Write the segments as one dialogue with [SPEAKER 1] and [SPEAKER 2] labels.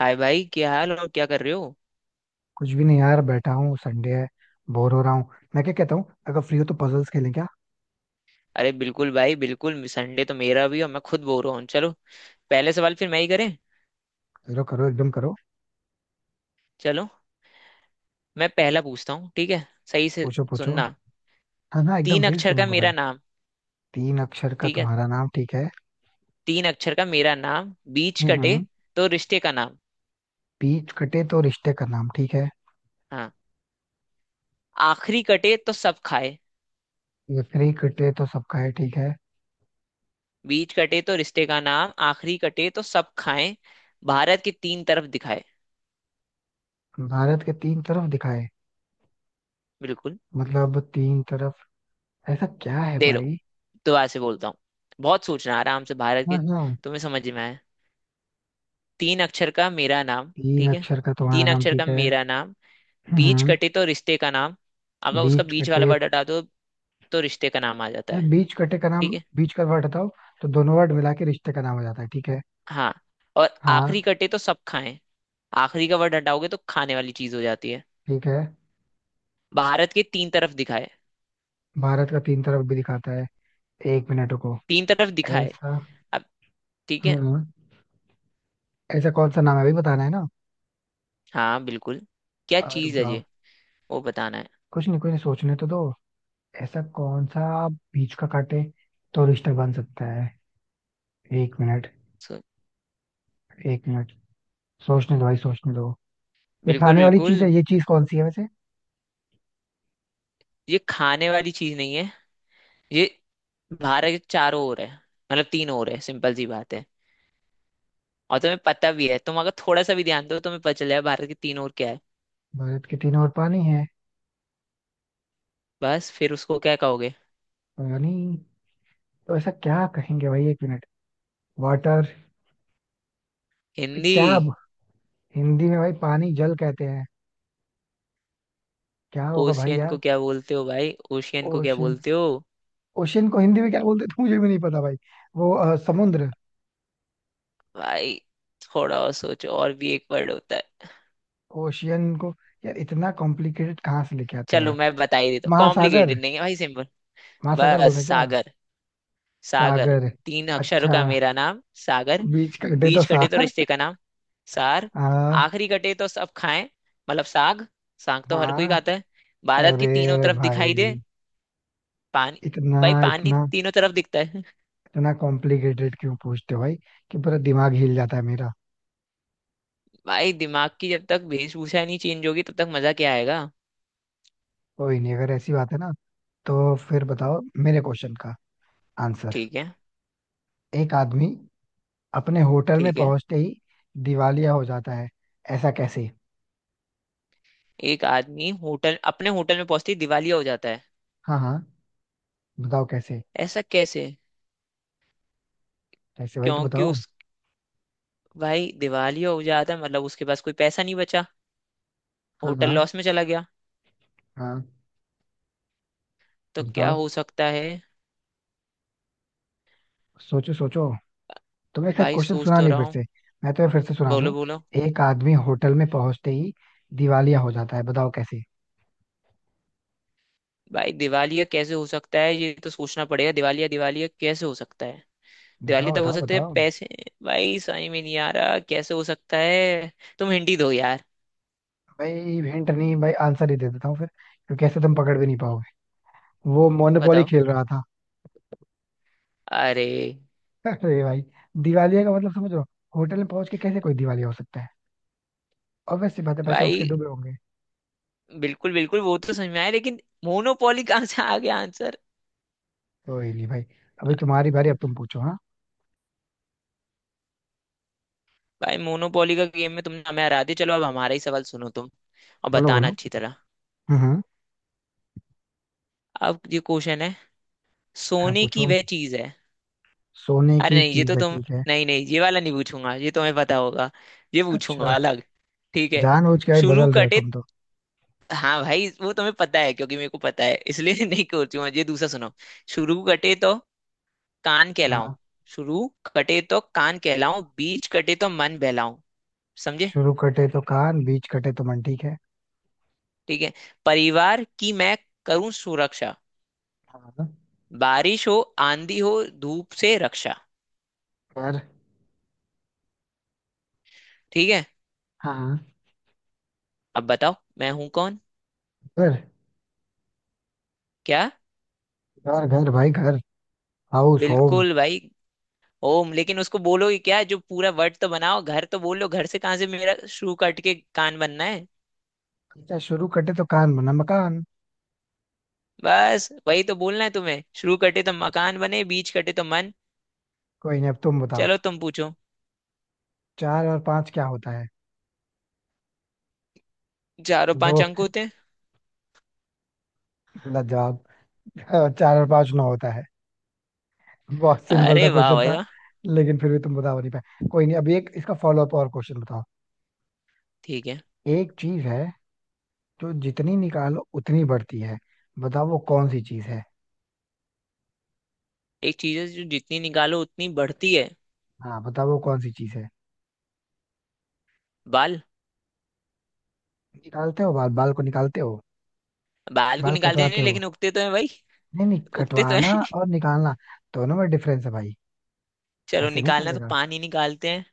[SPEAKER 1] हाय भाई, क्या हाल और क्या कर रहे हो?
[SPEAKER 2] कुछ भी नहीं यार, बैठा हूँ, संडे है। बोर हो रहा हूँ। मैं क्या कहता हूँ, अगर फ्री हो तो पजल्स खेलें क्या?
[SPEAKER 1] अरे बिल्कुल भाई, बिल्कुल। संडे तो मेरा भी, और मैं खुद बोर हूँ। चलो। पहले सवाल फिर मैं ही करें।
[SPEAKER 2] करो करो एकदम करो।
[SPEAKER 1] चलो। मैं पहला पूछता हूँ, ठीक है। सही से
[SPEAKER 2] पूछो पूछो।
[SPEAKER 1] सुनना।
[SPEAKER 2] हाँ हाँ, एकदम
[SPEAKER 1] तीन
[SPEAKER 2] सही
[SPEAKER 1] अक्षर का
[SPEAKER 2] सुनूंगा भाई।
[SPEAKER 1] मेरा नाम,
[SPEAKER 2] तीन अक्षर का
[SPEAKER 1] ठीक है।
[SPEAKER 2] तुम्हारा नाम, ठीक है।
[SPEAKER 1] तीन अक्षर का मेरा नाम, बीच कटे
[SPEAKER 2] हम्म।
[SPEAKER 1] तो रिश्ते का नाम।
[SPEAKER 2] बीच कटे तो रिश्ते का नाम, ठीक है।
[SPEAKER 1] हाँ। आखिरी कटे तो सब खाए।
[SPEAKER 2] लकड़ी कटे तो सबका है, ठीक है।
[SPEAKER 1] बीच कटे तो रिश्ते का नाम, आखिरी कटे तो सब खाएं, भारत के तीन तरफ दिखाए।
[SPEAKER 2] भारत के तीन तरफ दिखाए?
[SPEAKER 1] बिल्कुल।
[SPEAKER 2] मतलब तीन तरफ। ऐसा क्या है
[SPEAKER 1] दे दो।
[SPEAKER 2] भाई?
[SPEAKER 1] दोबारा से बोलता हूँ। बहुत सोचना आराम से, भारत
[SPEAKER 2] हाँ
[SPEAKER 1] के।
[SPEAKER 2] हाँ।
[SPEAKER 1] तुम्हें समझ में आए। तीन अक्षर का मेरा नाम,
[SPEAKER 2] तीन
[SPEAKER 1] ठीक है।
[SPEAKER 2] अक्षर का तुम्हारा
[SPEAKER 1] तीन
[SPEAKER 2] नाम,
[SPEAKER 1] अक्षर का
[SPEAKER 2] ठीक है।
[SPEAKER 1] मेरा नाम,
[SPEAKER 2] हम्म
[SPEAKER 1] बीच
[SPEAKER 2] हम्म।
[SPEAKER 1] कटे तो रिश्ते का नाम। अगर उसका
[SPEAKER 2] बीच
[SPEAKER 1] बीच वाला
[SPEAKER 2] कटे।
[SPEAKER 1] वर्ड हटा दो तो रिश्ते का नाम आ जाता
[SPEAKER 2] अरे,
[SPEAKER 1] है,
[SPEAKER 2] बीच कटे का नाम,
[SPEAKER 1] ठीक है।
[SPEAKER 2] बीच का वर्ड हटाओ तो दोनों वर्ड मिला के रिश्ते का नाम हो जाता है, ठीक है।
[SPEAKER 1] हाँ। और
[SPEAKER 2] हाँ,
[SPEAKER 1] आखिरी कटे तो सब खाएं। आखिरी का वर्ड हटाओगे तो खाने वाली चीज हो जाती है।
[SPEAKER 2] ठीक है।
[SPEAKER 1] भारत के तीन तरफ दिखाए।
[SPEAKER 2] भारत का तीन तरफ भी दिखाता है। एक मिनट रुको।
[SPEAKER 1] तीन तरफ दिखाए।
[SPEAKER 2] ऐसा।
[SPEAKER 1] अब ठीक है।
[SPEAKER 2] हाँ, ऐसा कौन सा नाम है अभी बताना है ना?
[SPEAKER 1] हाँ बिल्कुल। क्या
[SPEAKER 2] रुक
[SPEAKER 1] चीज है
[SPEAKER 2] जाओ।
[SPEAKER 1] ये? वो बताना है।
[SPEAKER 2] कुछ नहीं कुछ नहीं, सोचने तो दो। ऐसा कौन सा बीच का काटे तो रिश्ता बन सकता है? एक मिनट,
[SPEAKER 1] सो।
[SPEAKER 2] एक मिनट। सोचने दो भाई, सोचने दो। ये
[SPEAKER 1] बिल्कुल
[SPEAKER 2] खाने वाली
[SPEAKER 1] बिल्कुल,
[SPEAKER 2] चीज है, ये चीज कौन सी है वैसे?
[SPEAKER 1] ये खाने वाली चीज नहीं है। ये भारत के चारों ओर है, मतलब तीन ओर है, सिंपल सी बात है। और तुम्हें पता भी है, तुम अगर थोड़ा सा भी ध्यान दो तुम्हें पता चल जाएगा भारत की तीन और क्या है।
[SPEAKER 2] भारत के तीनों ओर पानी है।
[SPEAKER 1] बस फिर उसको क्या कहोगे?
[SPEAKER 2] पानी। तो ऐसा क्या कहेंगे भाई? एक मिनट। वाटर।
[SPEAKER 1] हिंदी।
[SPEAKER 2] क्या अब? हिंदी में भाई पानी जल कहते हैं। क्या होगा भाई
[SPEAKER 1] ओशियन
[SPEAKER 2] यार?
[SPEAKER 1] को क्या बोलते हो भाई? ओशियन को क्या
[SPEAKER 2] ओशन
[SPEAKER 1] बोलते हो?
[SPEAKER 2] ओशियन को हिंदी में क्या बोलते थे, मुझे भी नहीं पता भाई। वो समुद्र।
[SPEAKER 1] भाई थोड़ा और सोचो, और भी एक वर्ड होता है।
[SPEAKER 2] ओशियन को? यार, इतना कॉम्प्लिकेटेड कहाँ से लेके आते हो
[SPEAKER 1] चलो
[SPEAKER 2] यार?
[SPEAKER 1] मैं बता ही देता हूँ,
[SPEAKER 2] महासागर।
[SPEAKER 1] कॉम्प्लिकेटेड नहीं है भाई, सिंपल।
[SPEAKER 2] महासागर
[SPEAKER 1] बस
[SPEAKER 2] बोलते हैं क्या?
[SPEAKER 1] सागर। सागर।
[SPEAKER 2] सागर।
[SPEAKER 1] तीन अक्षरों
[SPEAKER 2] अच्छा,
[SPEAKER 1] का मेरा नाम सागर।
[SPEAKER 2] बीच कर दे तो
[SPEAKER 1] बीच कटे तो
[SPEAKER 2] सार।
[SPEAKER 1] रिश्ते का नाम सार।
[SPEAKER 2] हाँ।
[SPEAKER 1] आखिरी कटे तो सब खाएं, मतलब साग। साग तो हर कोई
[SPEAKER 2] हाँ,
[SPEAKER 1] खाता है। भारत की तीनों
[SPEAKER 2] अरे
[SPEAKER 1] तरफ दिखाई दे
[SPEAKER 2] भाई,
[SPEAKER 1] पानी।
[SPEAKER 2] इतना
[SPEAKER 1] भाई पानी
[SPEAKER 2] इतना
[SPEAKER 1] तीनों तरफ दिखता है।
[SPEAKER 2] इतना कॉम्प्लिकेटेड क्यों पूछते हो भाई? कि पूरा दिमाग हिल जाता है मेरा।
[SPEAKER 1] भाई दिमाग की जब तक वेशभूषा नहीं चेंज होगी तब तक मजा क्या आएगा?
[SPEAKER 2] कोई नहीं, अगर ऐसी बात है ना तो फिर बताओ मेरे क्वेश्चन का आंसर।
[SPEAKER 1] ठीक है।
[SPEAKER 2] एक आदमी अपने होटल में
[SPEAKER 1] ठीक है।
[SPEAKER 2] पहुंचते ही दिवालिया हो जाता है, ऐसा कैसे?
[SPEAKER 1] एक आदमी होटल अपने होटल में पहुंचते ही दिवालिया हो जाता है।
[SPEAKER 2] हाँ हाँ, बताओ कैसे।
[SPEAKER 1] ऐसा कैसे?
[SPEAKER 2] कैसे भाई, तो
[SPEAKER 1] क्योंकि
[SPEAKER 2] बताओ।
[SPEAKER 1] उस भाई दिवालिया हो जाता है, मतलब उसके पास कोई पैसा नहीं बचा।
[SPEAKER 2] हाँ
[SPEAKER 1] होटल
[SPEAKER 2] हाँ
[SPEAKER 1] लॉस में चला गया।
[SPEAKER 2] हाँ,
[SPEAKER 1] तो क्या
[SPEAKER 2] बताओ।
[SPEAKER 1] हो सकता है?
[SPEAKER 2] सोचो सोचो। तुम्हें शायद
[SPEAKER 1] भाई
[SPEAKER 2] क्वेश्चन
[SPEAKER 1] सोच
[SPEAKER 2] सुना
[SPEAKER 1] तो
[SPEAKER 2] नहीं,
[SPEAKER 1] रहा
[SPEAKER 2] फिर
[SPEAKER 1] हूँ।
[SPEAKER 2] से मैं तुम्हें फिर से सुना
[SPEAKER 1] बोलो
[SPEAKER 2] दूं।
[SPEAKER 1] बोलो।
[SPEAKER 2] एक आदमी होटल में पहुंचते ही दिवालिया हो जाता है, बताओ कैसे।
[SPEAKER 1] भाई दिवालिया कैसे हो सकता है, ये तो सोचना पड़ेगा। दिवालिया दिवालिया कैसे हो सकता है? दिवाली
[SPEAKER 2] बताओ
[SPEAKER 1] तक हो
[SPEAKER 2] बताओ
[SPEAKER 1] सकते हैं
[SPEAKER 2] बताओ।
[SPEAKER 1] पैसे। भाई समझ में नहीं आ रहा कैसे हो सकता है। तुम हिंदी दो यार।
[SPEAKER 2] भाई, हिंट नहीं भाई, आंसर ही दे देता हूँ फिर, क्योंकि ऐसे तुम पकड़ भी नहीं पाओगे। वो मोनोपोली
[SPEAKER 1] बताओ।
[SPEAKER 2] खेल रहा था।
[SPEAKER 1] अरे
[SPEAKER 2] अरे भाई, दिवालिया का मतलब समझ रहे हो? होटल में पहुंच के कैसे कोई दिवालिया हो सकता है? और वैसे बात है, पैसे उठ के
[SPEAKER 1] भाई।
[SPEAKER 2] डूबे होंगे।
[SPEAKER 1] बिल्कुल बिल्कुल, वो तो समझ में आया लेकिन मोनोपोली कहाँ से आ गया आंसर?
[SPEAKER 2] कोई नहीं भाई, अभी तुम्हारी बारी, अब तुम पूछो। हाँ,
[SPEAKER 1] भाई मोनोपोली का गेम में तुमने हमें हरा दिया, चलो अब हमारा ही सवाल सुनो तुम। और
[SPEAKER 2] बोलो
[SPEAKER 1] बताना
[SPEAKER 2] बोलो।
[SPEAKER 1] अच्छी तरह।
[SPEAKER 2] हम्म हम्म,
[SPEAKER 1] अब ये क्वेश्चन है।
[SPEAKER 2] हाँ,
[SPEAKER 1] सोने की
[SPEAKER 2] पूछो।
[SPEAKER 1] वह चीज है।
[SPEAKER 2] सोने
[SPEAKER 1] अरे
[SPEAKER 2] की
[SPEAKER 1] नहीं, ये तो
[SPEAKER 2] चीज है,
[SPEAKER 1] तुम,
[SPEAKER 2] ठीक है।
[SPEAKER 1] नहीं नहीं, ये वाला नहीं पूछूंगा, ये तुम्हें पता होगा। ये
[SPEAKER 2] अच्छा,
[SPEAKER 1] पूछूंगा अलग। ठीक है।
[SPEAKER 2] जानबूझ के भाई
[SPEAKER 1] शुरू
[SPEAKER 2] बदल रहे हो
[SPEAKER 1] कटे।
[SPEAKER 2] तुम तो।
[SPEAKER 1] हाँ भाई, वो तुम्हें पता है क्योंकि मेरे को पता है इसलिए नहीं करती हूँ। ये दूसरा सुनो। शुरू कटे तो कान कहलाऊं।
[SPEAKER 2] हाँ,
[SPEAKER 1] शुरू कटे तो कान कहलाऊं, बीच कटे तो मन बहलाऊं। समझे?
[SPEAKER 2] शुरू कटे तो कान, बीच कटे तो मन, ठीक है।
[SPEAKER 1] ठीक है। परिवार की मैं करूं सुरक्षा।
[SPEAKER 2] हाँ,
[SPEAKER 1] बारिश हो, आंधी हो, धूप से रक्षा।
[SPEAKER 2] घर।
[SPEAKER 1] ठीक है।
[SPEAKER 2] हाँ,
[SPEAKER 1] अब बताओ मैं हूं कौन?
[SPEAKER 2] घर
[SPEAKER 1] क्या?
[SPEAKER 2] घर घर भाई, घर। House, home.
[SPEAKER 1] बिल्कुल भाई। ओम, लेकिन उसको बोलो कि क्या, जो पूरा वर्ड तो बनाओ। घर तो बोलो, घर से कहाँ से मेरा शुरू कट के कान बनना है?
[SPEAKER 2] अच्छा, शुरू कटे तो कान बना मकान।
[SPEAKER 1] बस वही तो बोलना है तुम्हें, शुरू कटे तो मकान बने, बीच कटे तो मन।
[SPEAKER 2] कोई नहीं, अब तुम बताओ।
[SPEAKER 1] चलो तुम पूछो।
[SPEAKER 2] चार और पांच क्या होता है?
[SPEAKER 1] चारों पांच
[SPEAKER 2] दो?
[SPEAKER 1] अंक होते हैं।
[SPEAKER 2] गलत जवाब। हाँ, चार और पांच नौ होता है। बहुत सिंपल था
[SPEAKER 1] अरे वाह
[SPEAKER 2] क्वेश्चन
[SPEAKER 1] भाई
[SPEAKER 2] था,
[SPEAKER 1] वाह।
[SPEAKER 2] लेकिन फिर भी तुम बता नहीं पाए। कोई नहीं, अभी एक इसका फॉलो अप और क्वेश्चन बताओ।
[SPEAKER 1] ठीक है।
[SPEAKER 2] एक चीज है जो जितनी निकालो उतनी बढ़ती है, बताओ वो कौन सी चीज है।
[SPEAKER 1] एक चीज है जो जितनी निकालो उतनी बढ़ती है।
[SPEAKER 2] हाँ, बताओ वो कौन सी चीज है।
[SPEAKER 1] बाल।
[SPEAKER 2] निकालते हो बाल? बाल को निकालते हो?
[SPEAKER 1] बाल को
[SPEAKER 2] बाल
[SPEAKER 1] निकालते
[SPEAKER 2] कटवाते
[SPEAKER 1] नहीं
[SPEAKER 2] हो।
[SPEAKER 1] लेकिन उगते तो है भाई।
[SPEAKER 2] नहीं नहीं,
[SPEAKER 1] उगते तो है
[SPEAKER 2] कटवाना और निकालना दोनों में डिफरेंस है भाई।
[SPEAKER 1] चलो
[SPEAKER 2] ऐसे नहीं
[SPEAKER 1] निकालना तो
[SPEAKER 2] चलेगा।
[SPEAKER 1] पानी निकालते हैं।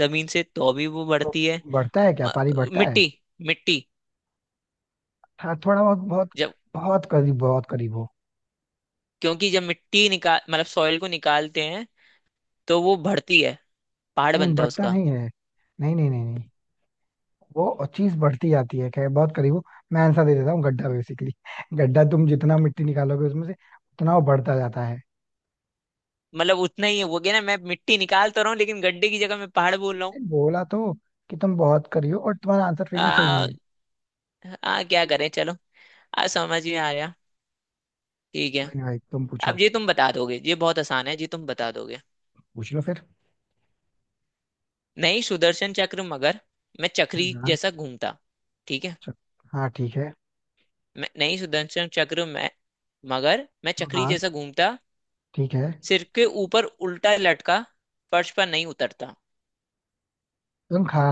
[SPEAKER 1] जमीन से तो भी वो
[SPEAKER 2] तो
[SPEAKER 1] बढ़ती है।
[SPEAKER 2] बढ़ता है क्या?
[SPEAKER 1] म-
[SPEAKER 2] पानी बढ़ता है?
[SPEAKER 1] मिट्टी। मिट्टी।
[SPEAKER 2] हाँ, थोड़ा बहुत, बहुत।
[SPEAKER 1] जब
[SPEAKER 2] बहुत करीब, बहुत करीब हो।
[SPEAKER 1] क्योंकि जब मिट्टी निकाल, मतलब सॉइल को निकालते हैं, तो वो बढ़ती है। पहाड़
[SPEAKER 2] नहीं,
[SPEAKER 1] बनता है
[SPEAKER 2] बढ़ता
[SPEAKER 1] उसका।
[SPEAKER 2] नहीं है। नहीं नहीं नहीं नहीं। वो चीज बढ़ती जाती है, खैर बहुत करीब हो। मैं आंसर दे देता हूँ, गड्ढा बेसिकली। गड्ढा, तुम जितना मिट्टी निकालोगे उसमें से उतना वो बढ़ता जाता है।
[SPEAKER 1] मतलब उतना ही हो गया ना, मैं मिट्टी निकाल तो रहा हूँ लेकिन गड्ढे की जगह मैं पहाड़ बोल रहा हूँ।
[SPEAKER 2] नहीं, बोला तो कि तुम बहुत करियो और तुम्हारा आंसर फिर भी सही नहीं
[SPEAKER 1] आ,
[SPEAKER 2] है।
[SPEAKER 1] क्या करें, चलो। आ समझ में आ गया। ठीक है।
[SPEAKER 2] कोई नहीं भाई, तुम पूछो।
[SPEAKER 1] अब ये तुम बता दोगे, ये बहुत आसान है, ये तुम बता दोगे।
[SPEAKER 2] पूछ लो फिर।
[SPEAKER 1] नहीं सुदर्शन चक्र, मगर मैं चक्री
[SPEAKER 2] हाँ,
[SPEAKER 1] जैसा घूमता। ठीक है।
[SPEAKER 2] चल। हाँ, ठीक है।
[SPEAKER 1] मैं नहीं सुदर्शन चक्र मैं, मगर मैं चक्री
[SPEAKER 2] हाँ,
[SPEAKER 1] जैसा घूमता।
[SPEAKER 2] ठीक है।
[SPEAKER 1] सिर के ऊपर उल्टा लटका, फर्श पर नहीं उतरता।
[SPEAKER 2] तुम खा।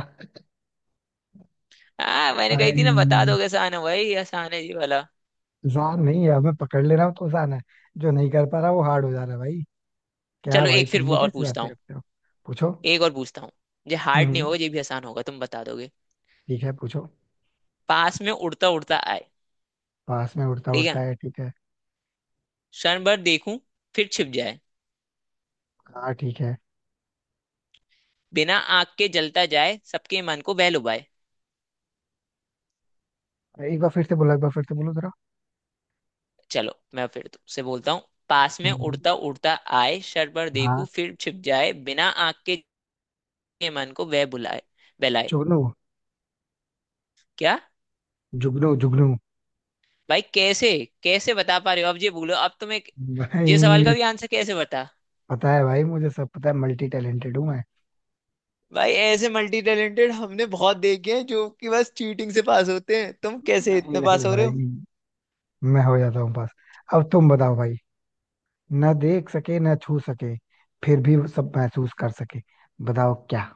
[SPEAKER 1] आ मैंने कही थी
[SPEAKER 2] अरे,
[SPEAKER 1] ना, बता दोगे। आसान है भाई, आसान है ये वाला।
[SPEAKER 2] आसान नहीं है, अब मैं पकड़ ले रहा हूँ तो आसान है। जो नहीं कर पा रहा वो हार्ड हो जा रहा है भाई। क्या
[SPEAKER 1] चलो
[SPEAKER 2] भाई,
[SPEAKER 1] एक फिर
[SPEAKER 2] तुम
[SPEAKER 1] वो
[SPEAKER 2] भी
[SPEAKER 1] और
[SPEAKER 2] कैसी
[SPEAKER 1] पूछता
[SPEAKER 2] बातें
[SPEAKER 1] हूँ।
[SPEAKER 2] करते हो। पूछो।
[SPEAKER 1] एक और पूछता हूँ। ये हार्ड नहीं
[SPEAKER 2] हम्म।
[SPEAKER 1] होगा, ये भी आसान होगा, तुम बता दोगे।
[SPEAKER 2] ठीक है, पूछो।
[SPEAKER 1] पास में उड़ता उड़ता आए।
[SPEAKER 2] पास में उड़ता
[SPEAKER 1] ठीक है।
[SPEAKER 2] उड़ता है, ठीक है।
[SPEAKER 1] क्षण भर देखूं, फिर छिप जाए।
[SPEAKER 2] हाँ, ठीक है।
[SPEAKER 1] बिना आग के जलता जाए, सबके मन को बह लुभाए।
[SPEAKER 2] एक बार फिर से बोलो, एक बार फिर से बोलो जरा।
[SPEAKER 1] चलो मैं फिर तुमसे बोलता हूँ। पास में
[SPEAKER 2] हम्म,
[SPEAKER 1] उड़ता उड़ता आए, क्षण भर
[SPEAKER 2] हाँ,
[SPEAKER 1] देखूं, फिर छिप जाए, बिना आग के। के मन को वह बुलाए बहलाए।
[SPEAKER 2] जुगनू।
[SPEAKER 1] क्या?
[SPEAKER 2] जुगनू जुगनू
[SPEAKER 1] भाई कैसे कैसे बता पा रहे हो? अब ये बोलो अब तुम्हें। ये सवाल का
[SPEAKER 2] भाई,
[SPEAKER 1] भी आंसर कैसे बता।
[SPEAKER 2] पता है भाई, मुझे सब पता है, मल्टी टैलेंटेड हूँ मैं।
[SPEAKER 1] भाई ऐसे मल्टी टैलेंटेड हमने बहुत देखे हैं जो कि बस चीटिंग से पास होते हैं, तुम कैसे
[SPEAKER 2] नहीं
[SPEAKER 1] इतने
[SPEAKER 2] नहीं
[SPEAKER 1] पास हो रहे
[SPEAKER 2] भाई,
[SPEAKER 1] हो?
[SPEAKER 2] मैं हो जाता हूँ पास। अब तुम बताओ भाई। ना देख सके ना छू सके, फिर भी सब महसूस कर सके, बताओ क्या।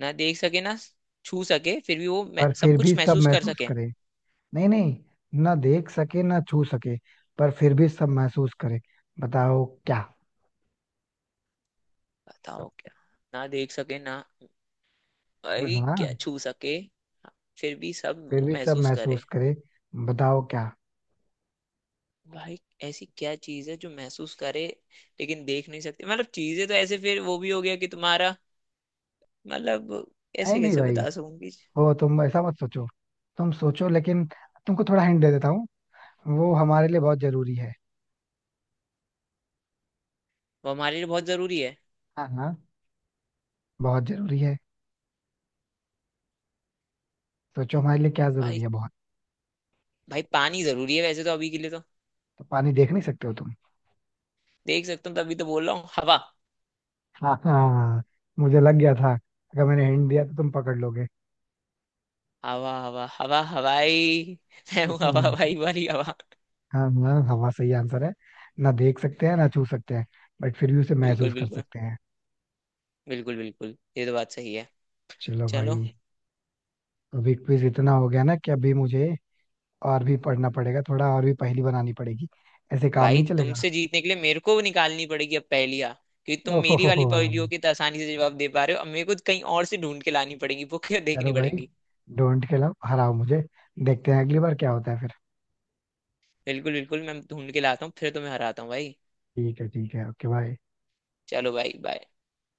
[SPEAKER 1] ना देख सके, ना छू सके, फिर भी
[SPEAKER 2] पर
[SPEAKER 1] सब
[SPEAKER 2] फिर भी
[SPEAKER 1] कुछ
[SPEAKER 2] सब
[SPEAKER 1] महसूस कर
[SPEAKER 2] महसूस
[SPEAKER 1] सके।
[SPEAKER 2] करे। नहीं नहीं, ना देख सके ना छू सके, पर फिर भी सब महसूस करे, बताओ क्या।
[SPEAKER 1] बताओ क्या? ना देख सके, ना भाई क्या
[SPEAKER 2] हाँ,
[SPEAKER 1] छू सके, फिर भी सब
[SPEAKER 2] फिर
[SPEAKER 1] वो
[SPEAKER 2] भी सब
[SPEAKER 1] महसूस
[SPEAKER 2] महसूस
[SPEAKER 1] करे।
[SPEAKER 2] करे, बताओ क्या।
[SPEAKER 1] भाई ऐसी क्या चीज है जो महसूस करे लेकिन देख नहीं सकते, मतलब चीजें तो ऐसे फिर वो भी हो गया कि तुम्हारा, मतलब
[SPEAKER 2] नहीं
[SPEAKER 1] ऐसे
[SPEAKER 2] नहीं
[SPEAKER 1] कैसे
[SPEAKER 2] भाई,
[SPEAKER 1] बता सकूंगी?
[SPEAKER 2] हो तुम ऐसा मत सोचो। तुम सोचो लेकिन, तुमको थोड़ा हिंट दे देता हूँ। वो हमारे लिए बहुत जरूरी है।
[SPEAKER 1] वो हमारे लिए बहुत जरूरी है।
[SPEAKER 2] हाँ हाँ, बहुत जरूरी है। सोचो हमारे लिए क्या जरूरी
[SPEAKER 1] भाई
[SPEAKER 2] है बहुत।
[SPEAKER 1] भाई, पानी जरूरी है वैसे तो अभी के लिए तो।
[SPEAKER 2] तो पानी देख नहीं सकते हो तुम?
[SPEAKER 1] देख सकता हूँ तभी तो बोल रहा हूँ। हवा।
[SPEAKER 2] हाँ हाँ, मुझे लग गया था अगर मैंने हिंट दिया तो तुम पकड़ लोगे।
[SPEAKER 1] हवा हवा हवा हवाई मैं हूँ हवा
[SPEAKER 2] हम्म,
[SPEAKER 1] हवाई वाली हवा।
[SPEAKER 2] हाँ हाँ, हवा सही आंसर है। ना देख सकते हैं ना छू सकते हैं, बट फिर भी उसे
[SPEAKER 1] बिल्कुल
[SPEAKER 2] महसूस कर
[SPEAKER 1] बिल्कुल।
[SPEAKER 2] सकते हैं।
[SPEAKER 1] बिल्कुल बिल्कुल, ये तो बात सही है।
[SPEAKER 2] चलो भाई,
[SPEAKER 1] चलो
[SPEAKER 2] अभी क्विज इतना हो गया ना कि अभी मुझे और भी पढ़ना पड़ेगा, थोड़ा और भी पहेली बनानी पड़ेगी। ऐसे काम
[SPEAKER 1] भाई।
[SPEAKER 2] नहीं चलेगा।
[SPEAKER 1] तुमसे जीतने के लिए मेरे को निकालनी पड़ेगी अब पहेलियाँ। क्योंकि तुम
[SPEAKER 2] ओहो
[SPEAKER 1] मेरी
[SPEAKER 2] हो,
[SPEAKER 1] वाली पहेलियों के तो आसानी से जवाब दे पा रहे हो, अब मेरे को कहीं और से ढूंढ के लानी पड़ेगी वो क्या
[SPEAKER 2] चलो
[SPEAKER 1] देखनी
[SPEAKER 2] भाई।
[SPEAKER 1] पड़ेगी।
[SPEAKER 2] डोंट खिलाओ, हराओ मुझे। देखते हैं अगली बार क्या होता है फिर।
[SPEAKER 1] बिल्कुल बिल्कुल, मैं ढूंढ के लाता हूँ फिर तुम्हें हराता हूँ भाई।
[SPEAKER 2] ठीक है, ठीक है। Okay, bye.
[SPEAKER 1] चलो भाई, बाय।